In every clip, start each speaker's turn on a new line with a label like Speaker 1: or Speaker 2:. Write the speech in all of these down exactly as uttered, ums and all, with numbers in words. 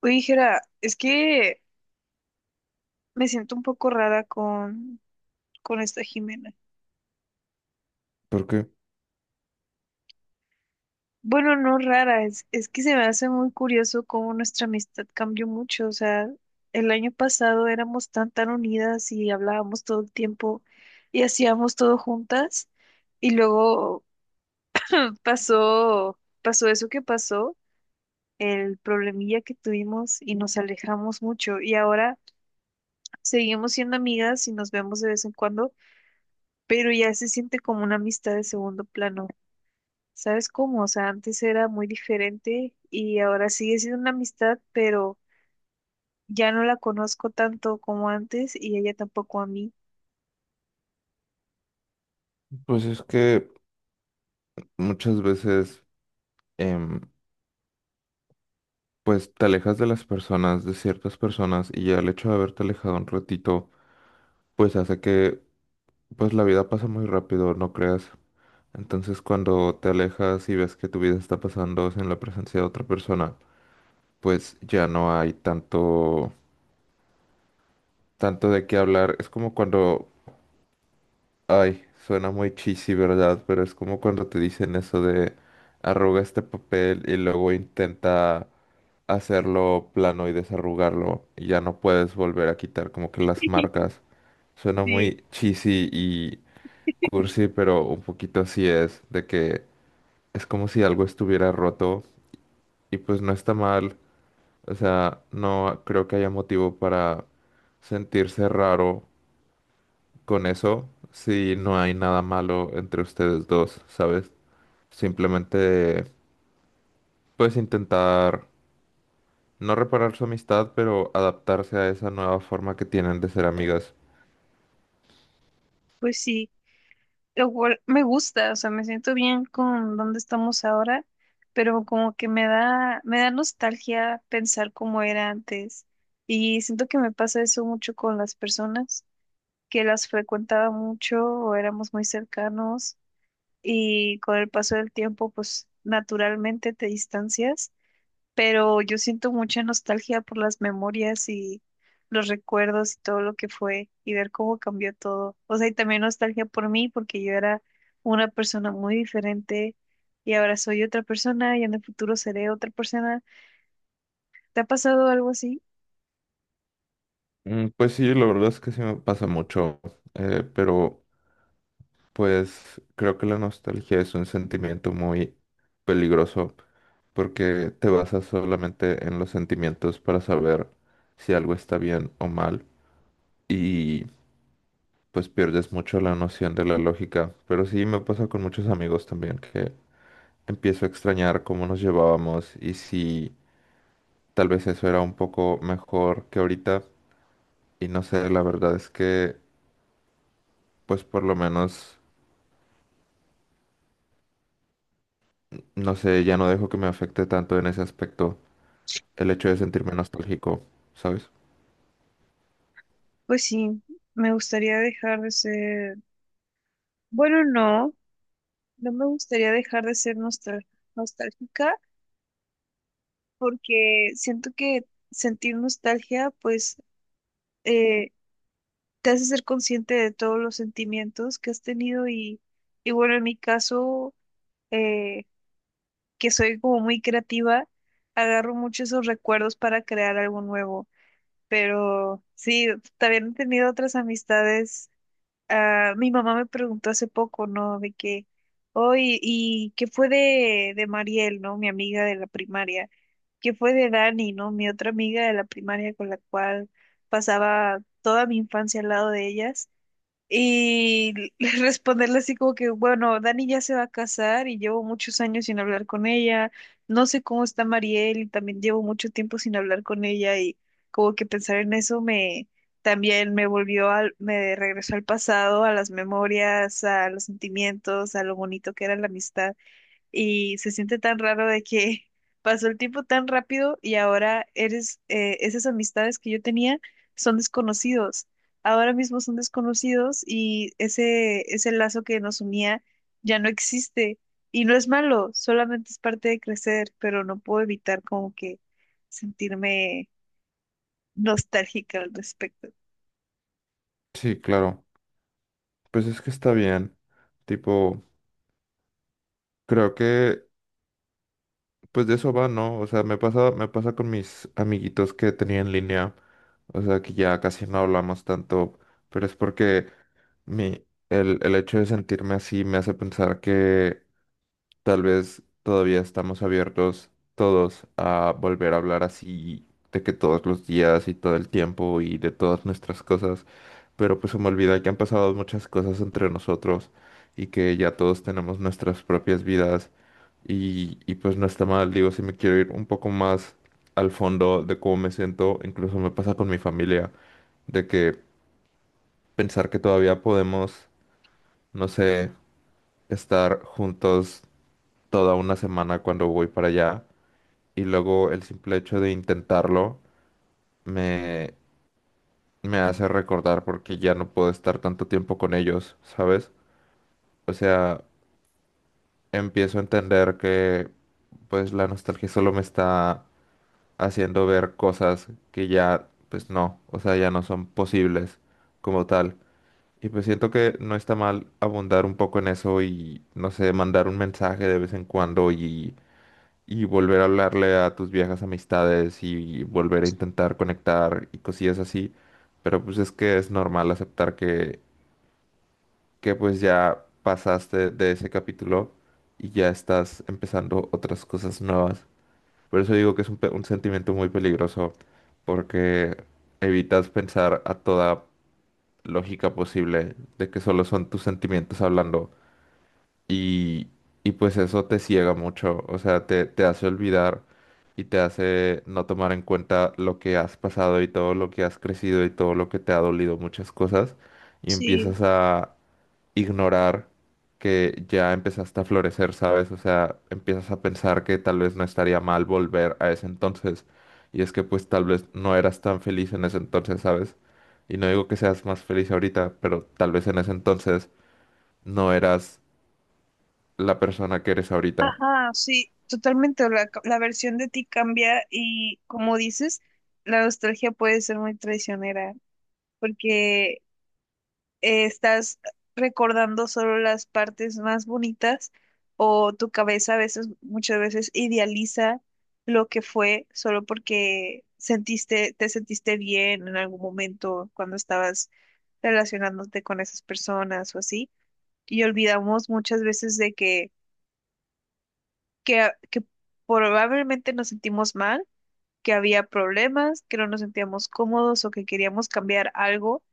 Speaker 1: Oye, Jera, es que me siento un poco rara con, con esta Jimena.
Speaker 2: Porque,
Speaker 1: Bueno, no rara, es, es que se me hace muy curioso cómo nuestra amistad cambió mucho. O sea, el año pasado éramos tan, tan unidas y hablábamos todo el tiempo y hacíamos todo juntas. Y luego pasó, pasó eso que pasó, el problemilla que tuvimos y nos alejamos mucho. Y ahora seguimos siendo amigas y nos vemos de vez en cuando pero ya se siente como una amistad de segundo plano. ¿Sabes cómo? O sea, antes era muy diferente y ahora sigue siendo una amistad, pero ya no la conozco tanto como antes y ella tampoco a mí.
Speaker 2: pues es que muchas veces, em, pues te alejas de las personas, de ciertas personas, y ya el hecho de haberte alejado un ratito, pues hace que, pues la vida pasa muy rápido, no creas. Entonces, cuando te alejas y ves que tu vida está pasando en la presencia de otra persona, pues ya no hay tanto, tanto de qué hablar. Es como cuando, ay, suena muy cheesy, ¿verdad? Pero es como cuando te dicen eso de arruga este papel y luego intenta hacerlo plano y desarrugarlo y ya no puedes volver a quitar como que las marcas. Suena
Speaker 1: Sí.
Speaker 2: muy cheesy y cursi, pero un poquito así es, de que es como si algo estuviera roto y pues no está mal. O sea, no creo que haya motivo para sentirse raro con eso si no hay nada malo entre ustedes dos, ¿sabes? Simplemente puedes intentar no reparar su amistad, pero adaptarse a esa nueva forma que tienen de ser amigas.
Speaker 1: Pues sí, igual me gusta, o sea, me siento bien con donde estamos ahora, pero como que me da, me da nostalgia pensar cómo era antes. Y siento que me pasa eso mucho con las personas que las frecuentaba mucho o éramos muy cercanos y con el paso del tiempo, pues naturalmente te distancias, pero yo siento mucha nostalgia por las memorias y los recuerdos y todo lo que fue y ver cómo cambió todo. O sea, y también nostalgia por mí porque yo era una persona muy diferente y ahora soy otra persona y en el futuro seré otra persona. ¿Te ha pasado algo así?
Speaker 2: Mm, pues sí, la verdad es que sí me pasa mucho, eh, pero pues creo que la nostalgia es un sentimiento muy peligroso porque te basas solamente en los sentimientos para saber si algo está bien o mal y pues pierdes mucho la noción de la lógica. Pero sí me pasa con muchos amigos también que empiezo a extrañar cómo nos llevábamos y si tal vez eso era un poco mejor que ahorita. Y no sé, la verdad es que, pues por lo menos, no sé, ya no dejo que me afecte tanto en ese aspecto el hecho de sentirme nostálgico, ¿sabes?
Speaker 1: Pues sí, me gustaría dejar de ser, bueno, no, no me gustaría dejar de ser nostal- nostálgica porque siento que sentir nostalgia, pues, eh, te hace ser consciente de todos los sentimientos que has tenido y, y bueno, en mi caso, eh, que soy como muy creativa, agarro mucho esos recuerdos para crear algo nuevo, pero sí, también he tenido otras amistades. Ah, mi mamá me preguntó hace poco, ¿no? De que, hoy, ¿y qué fue de, de Mariel, ¿no? Mi amiga de la primaria. ¿Qué fue de Dani, ¿no? Mi otra amiga de la primaria con la cual pasaba toda mi infancia al lado de ellas. Y responderle así como que, bueno, Dani ya se va a casar y llevo muchos años sin hablar con ella. No sé cómo está Mariel y también llevo mucho tiempo sin hablar con ella y como que pensar en eso me también me volvió al, me regresó al pasado, a las memorias, a los sentimientos, a lo bonito que era la amistad y se siente tan raro de que pasó el tiempo tan rápido y ahora eres, eh, esas amistades que yo tenía son desconocidos. Ahora mismo son desconocidos y ese, ese lazo que nos unía ya no existe. Y no es malo, solamente es parte de crecer, pero no puedo evitar como que sentirme nostálgica al respecto.
Speaker 2: Sí, claro. Pues es que está bien. Tipo, creo que, pues de eso va, ¿no? O sea, me pasa, me pasa con mis amiguitos que tenía en línea. O sea, que ya casi no hablamos tanto, pero es porque mi, el, el hecho de sentirme así me hace pensar que tal vez todavía estamos abiertos todos a volver a hablar así de que todos los días y todo el tiempo y de todas nuestras cosas, pero pues se me olvida que han pasado muchas cosas entre nosotros y que ya todos tenemos nuestras propias vidas y, y pues no está mal, digo, si me quiero ir un poco más al fondo de cómo me siento, incluso me pasa con mi familia, de que pensar que todavía podemos, no sé, estar juntos toda una semana cuando voy para allá. Y luego el simple hecho de intentarlo me, me hace recordar porque ya no puedo estar tanto tiempo con ellos, ¿sabes? O sea, empiezo a entender que pues la nostalgia solo me está haciendo ver cosas que ya pues no, o sea, ya no son posibles como tal. Y pues siento que no está mal abundar un poco en eso y, no sé, mandar un mensaje de vez en cuando y y volver a hablarle a tus viejas amistades y volver a intentar conectar y cosillas así. Pero pues es que es normal aceptar que, que pues ya pasaste de ese capítulo y ya estás empezando otras cosas nuevas. Por eso digo que es un, pe- un sentimiento muy peligroso porque evitas pensar a toda lógica posible de que solo son tus sentimientos hablando y, y pues eso te ciega mucho, o sea, te, te hace olvidar y te hace no tomar en cuenta lo que has pasado y todo lo que has crecido y todo lo que te ha dolido, muchas cosas, y
Speaker 1: Sí.
Speaker 2: empiezas a ignorar que ya empezaste a florecer, ¿sabes? O sea, empiezas a pensar que tal vez no estaría mal volver a ese entonces, y es que pues tal vez no eras tan feliz en ese entonces, ¿sabes? Y no digo que seas más feliz ahorita, pero tal vez en ese entonces no eras la persona que eres ahorita.
Speaker 1: Ajá, sí, totalmente. La, la versión de ti cambia y como dices, la nostalgia puede ser muy traicionera porque eh, estás recordando solo las partes más bonitas o tu cabeza a veces, muchas veces idealiza lo que fue solo porque sentiste, te sentiste bien en algún momento cuando estabas relacionándote con esas personas o así. Y olvidamos muchas veces de que que, a- que probablemente nos sentimos mal, que había problemas, que no nos sentíamos cómodos o que queríamos cambiar algo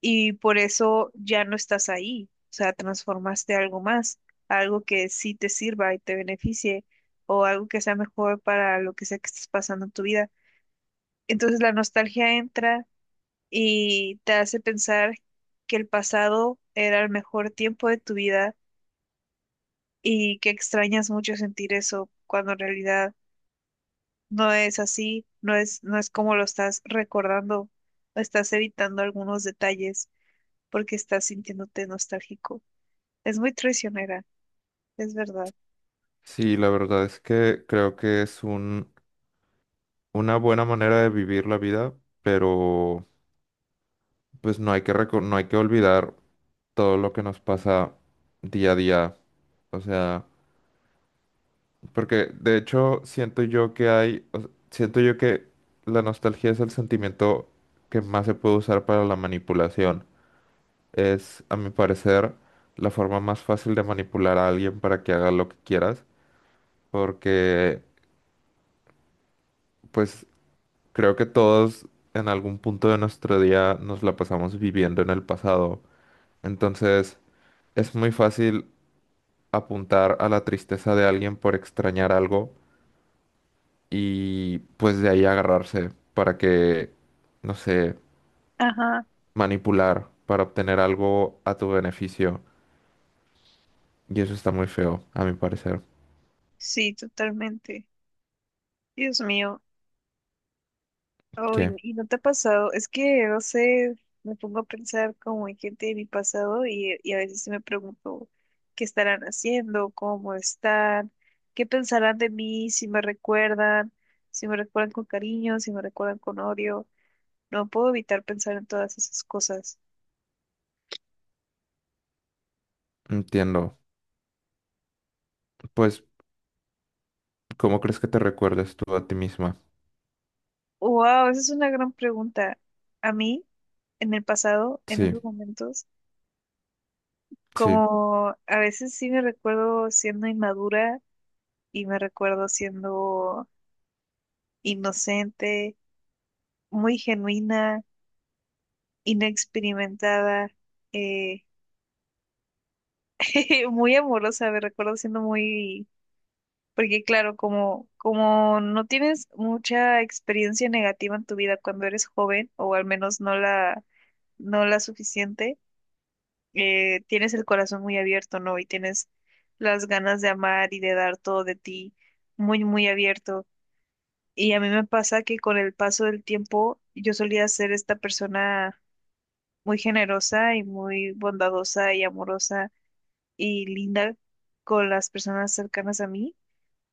Speaker 1: y por eso ya no estás ahí. O sea, transformaste algo más, algo que sí te sirva y te beneficie o algo que sea mejor para lo que sea que estés pasando en tu vida. Entonces la nostalgia entra y te hace pensar que el pasado era el mejor tiempo de tu vida y que extrañas mucho sentir eso cuando en realidad no es así, no es, no es como lo estás recordando, estás evitando algunos detalles porque estás sintiéndote nostálgico. Es muy traicionera, es verdad.
Speaker 2: Sí, la verdad es que creo que es un, una buena manera de vivir la vida, pero pues no hay que reco- no hay que olvidar todo lo que nos pasa día a día. O sea, porque de hecho siento yo que hay, o s- siento yo que la nostalgia es el sentimiento que más se puede usar para la manipulación. Es, a mi parecer, la forma más fácil de manipular a alguien para que haga lo que quieras, porque pues creo que todos en algún punto de nuestro día nos la pasamos viviendo en el pasado. Entonces, es muy fácil apuntar a la tristeza de alguien por extrañar algo y pues de ahí agarrarse para que, no sé,
Speaker 1: Ajá,
Speaker 2: manipular para obtener algo a tu beneficio. Y eso está muy feo, a mi parecer.
Speaker 1: sí, totalmente. Dios mío, oh, y,
Speaker 2: ¿Qué?
Speaker 1: y no te ha pasado, es que no sé, me pongo a pensar como en gente de mi pasado y, y a veces sí me pregunto qué estarán haciendo, cómo están, qué pensarán de mí, si me recuerdan, si me recuerdan con cariño, si me recuerdan con odio. No puedo evitar pensar en todas esas cosas.
Speaker 2: Entiendo. Pues, ¿cómo crees que te recuerdes tú a ti misma?
Speaker 1: Wow, esa es una gran pregunta. A mí, en el pasado, en
Speaker 2: Sí,
Speaker 1: esos momentos,
Speaker 2: sí,
Speaker 1: como a veces sí me recuerdo siendo inmadura y me recuerdo siendo inocente, muy genuina, inexperimentada, eh, muy amorosa, me recuerdo siendo muy. Porque claro, como, como no tienes mucha experiencia negativa en tu vida cuando eres joven, o al menos no la no la suficiente, eh, tienes el corazón muy abierto, ¿no? Y tienes las ganas de amar y de dar todo de ti muy, muy abierto. Y a mí me pasa que con el paso del tiempo yo solía ser esta persona muy generosa y muy bondadosa y amorosa y linda con las personas cercanas a mí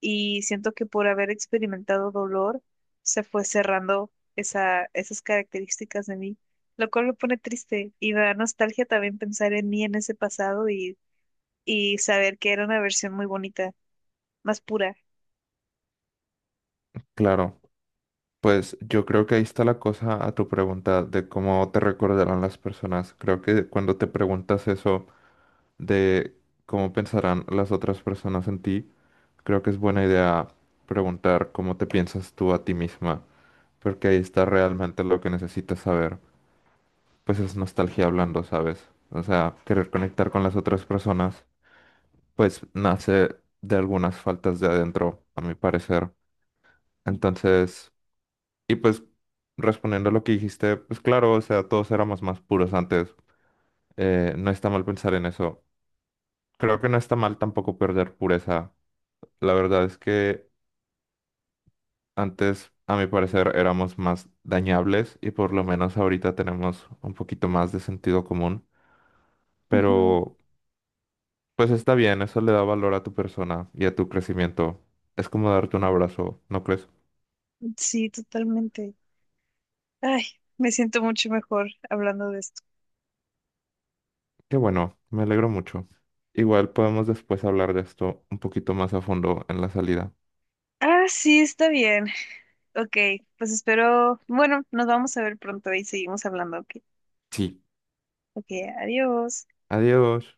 Speaker 1: y siento que por haber experimentado dolor se fue cerrando esa, esas características de mí, lo cual me pone triste y me da nostalgia también pensar en mí en ese pasado y, y saber que era una versión muy bonita, más pura.
Speaker 2: claro. Pues yo creo que ahí está la cosa a tu pregunta de cómo te recordarán las personas. Creo que cuando te preguntas eso de cómo pensarán las otras personas en ti, creo que es buena idea preguntar cómo te piensas tú a ti misma, porque ahí está realmente lo que necesitas saber. Pues es nostalgia hablando, ¿sabes? O sea, querer conectar con las otras personas, pues nace de algunas faltas de adentro, a mi parecer. Entonces… Y pues respondiendo a lo que dijiste, pues claro, o sea, todos éramos más puros antes. Eh, no está mal pensar en eso. Creo que no está mal tampoco perder pureza. La verdad es que antes, a mi parecer, éramos más dañables y por lo menos ahorita tenemos un poquito más de sentido común.
Speaker 1: Ujú.
Speaker 2: Pero pues está bien, eso le da valor a tu persona y a tu crecimiento. Es como darte un abrazo, ¿no crees?
Speaker 1: Sí, totalmente. Ay, me siento mucho mejor hablando de esto.
Speaker 2: Qué bueno, me alegro mucho. Igual podemos después hablar de esto un poquito más a fondo en la salida.
Speaker 1: Ah, sí, está bien. Ok, pues espero, bueno, nos vamos a ver pronto y seguimos hablando. Ok,
Speaker 2: Sí.
Speaker 1: ok, adiós.
Speaker 2: Adiós.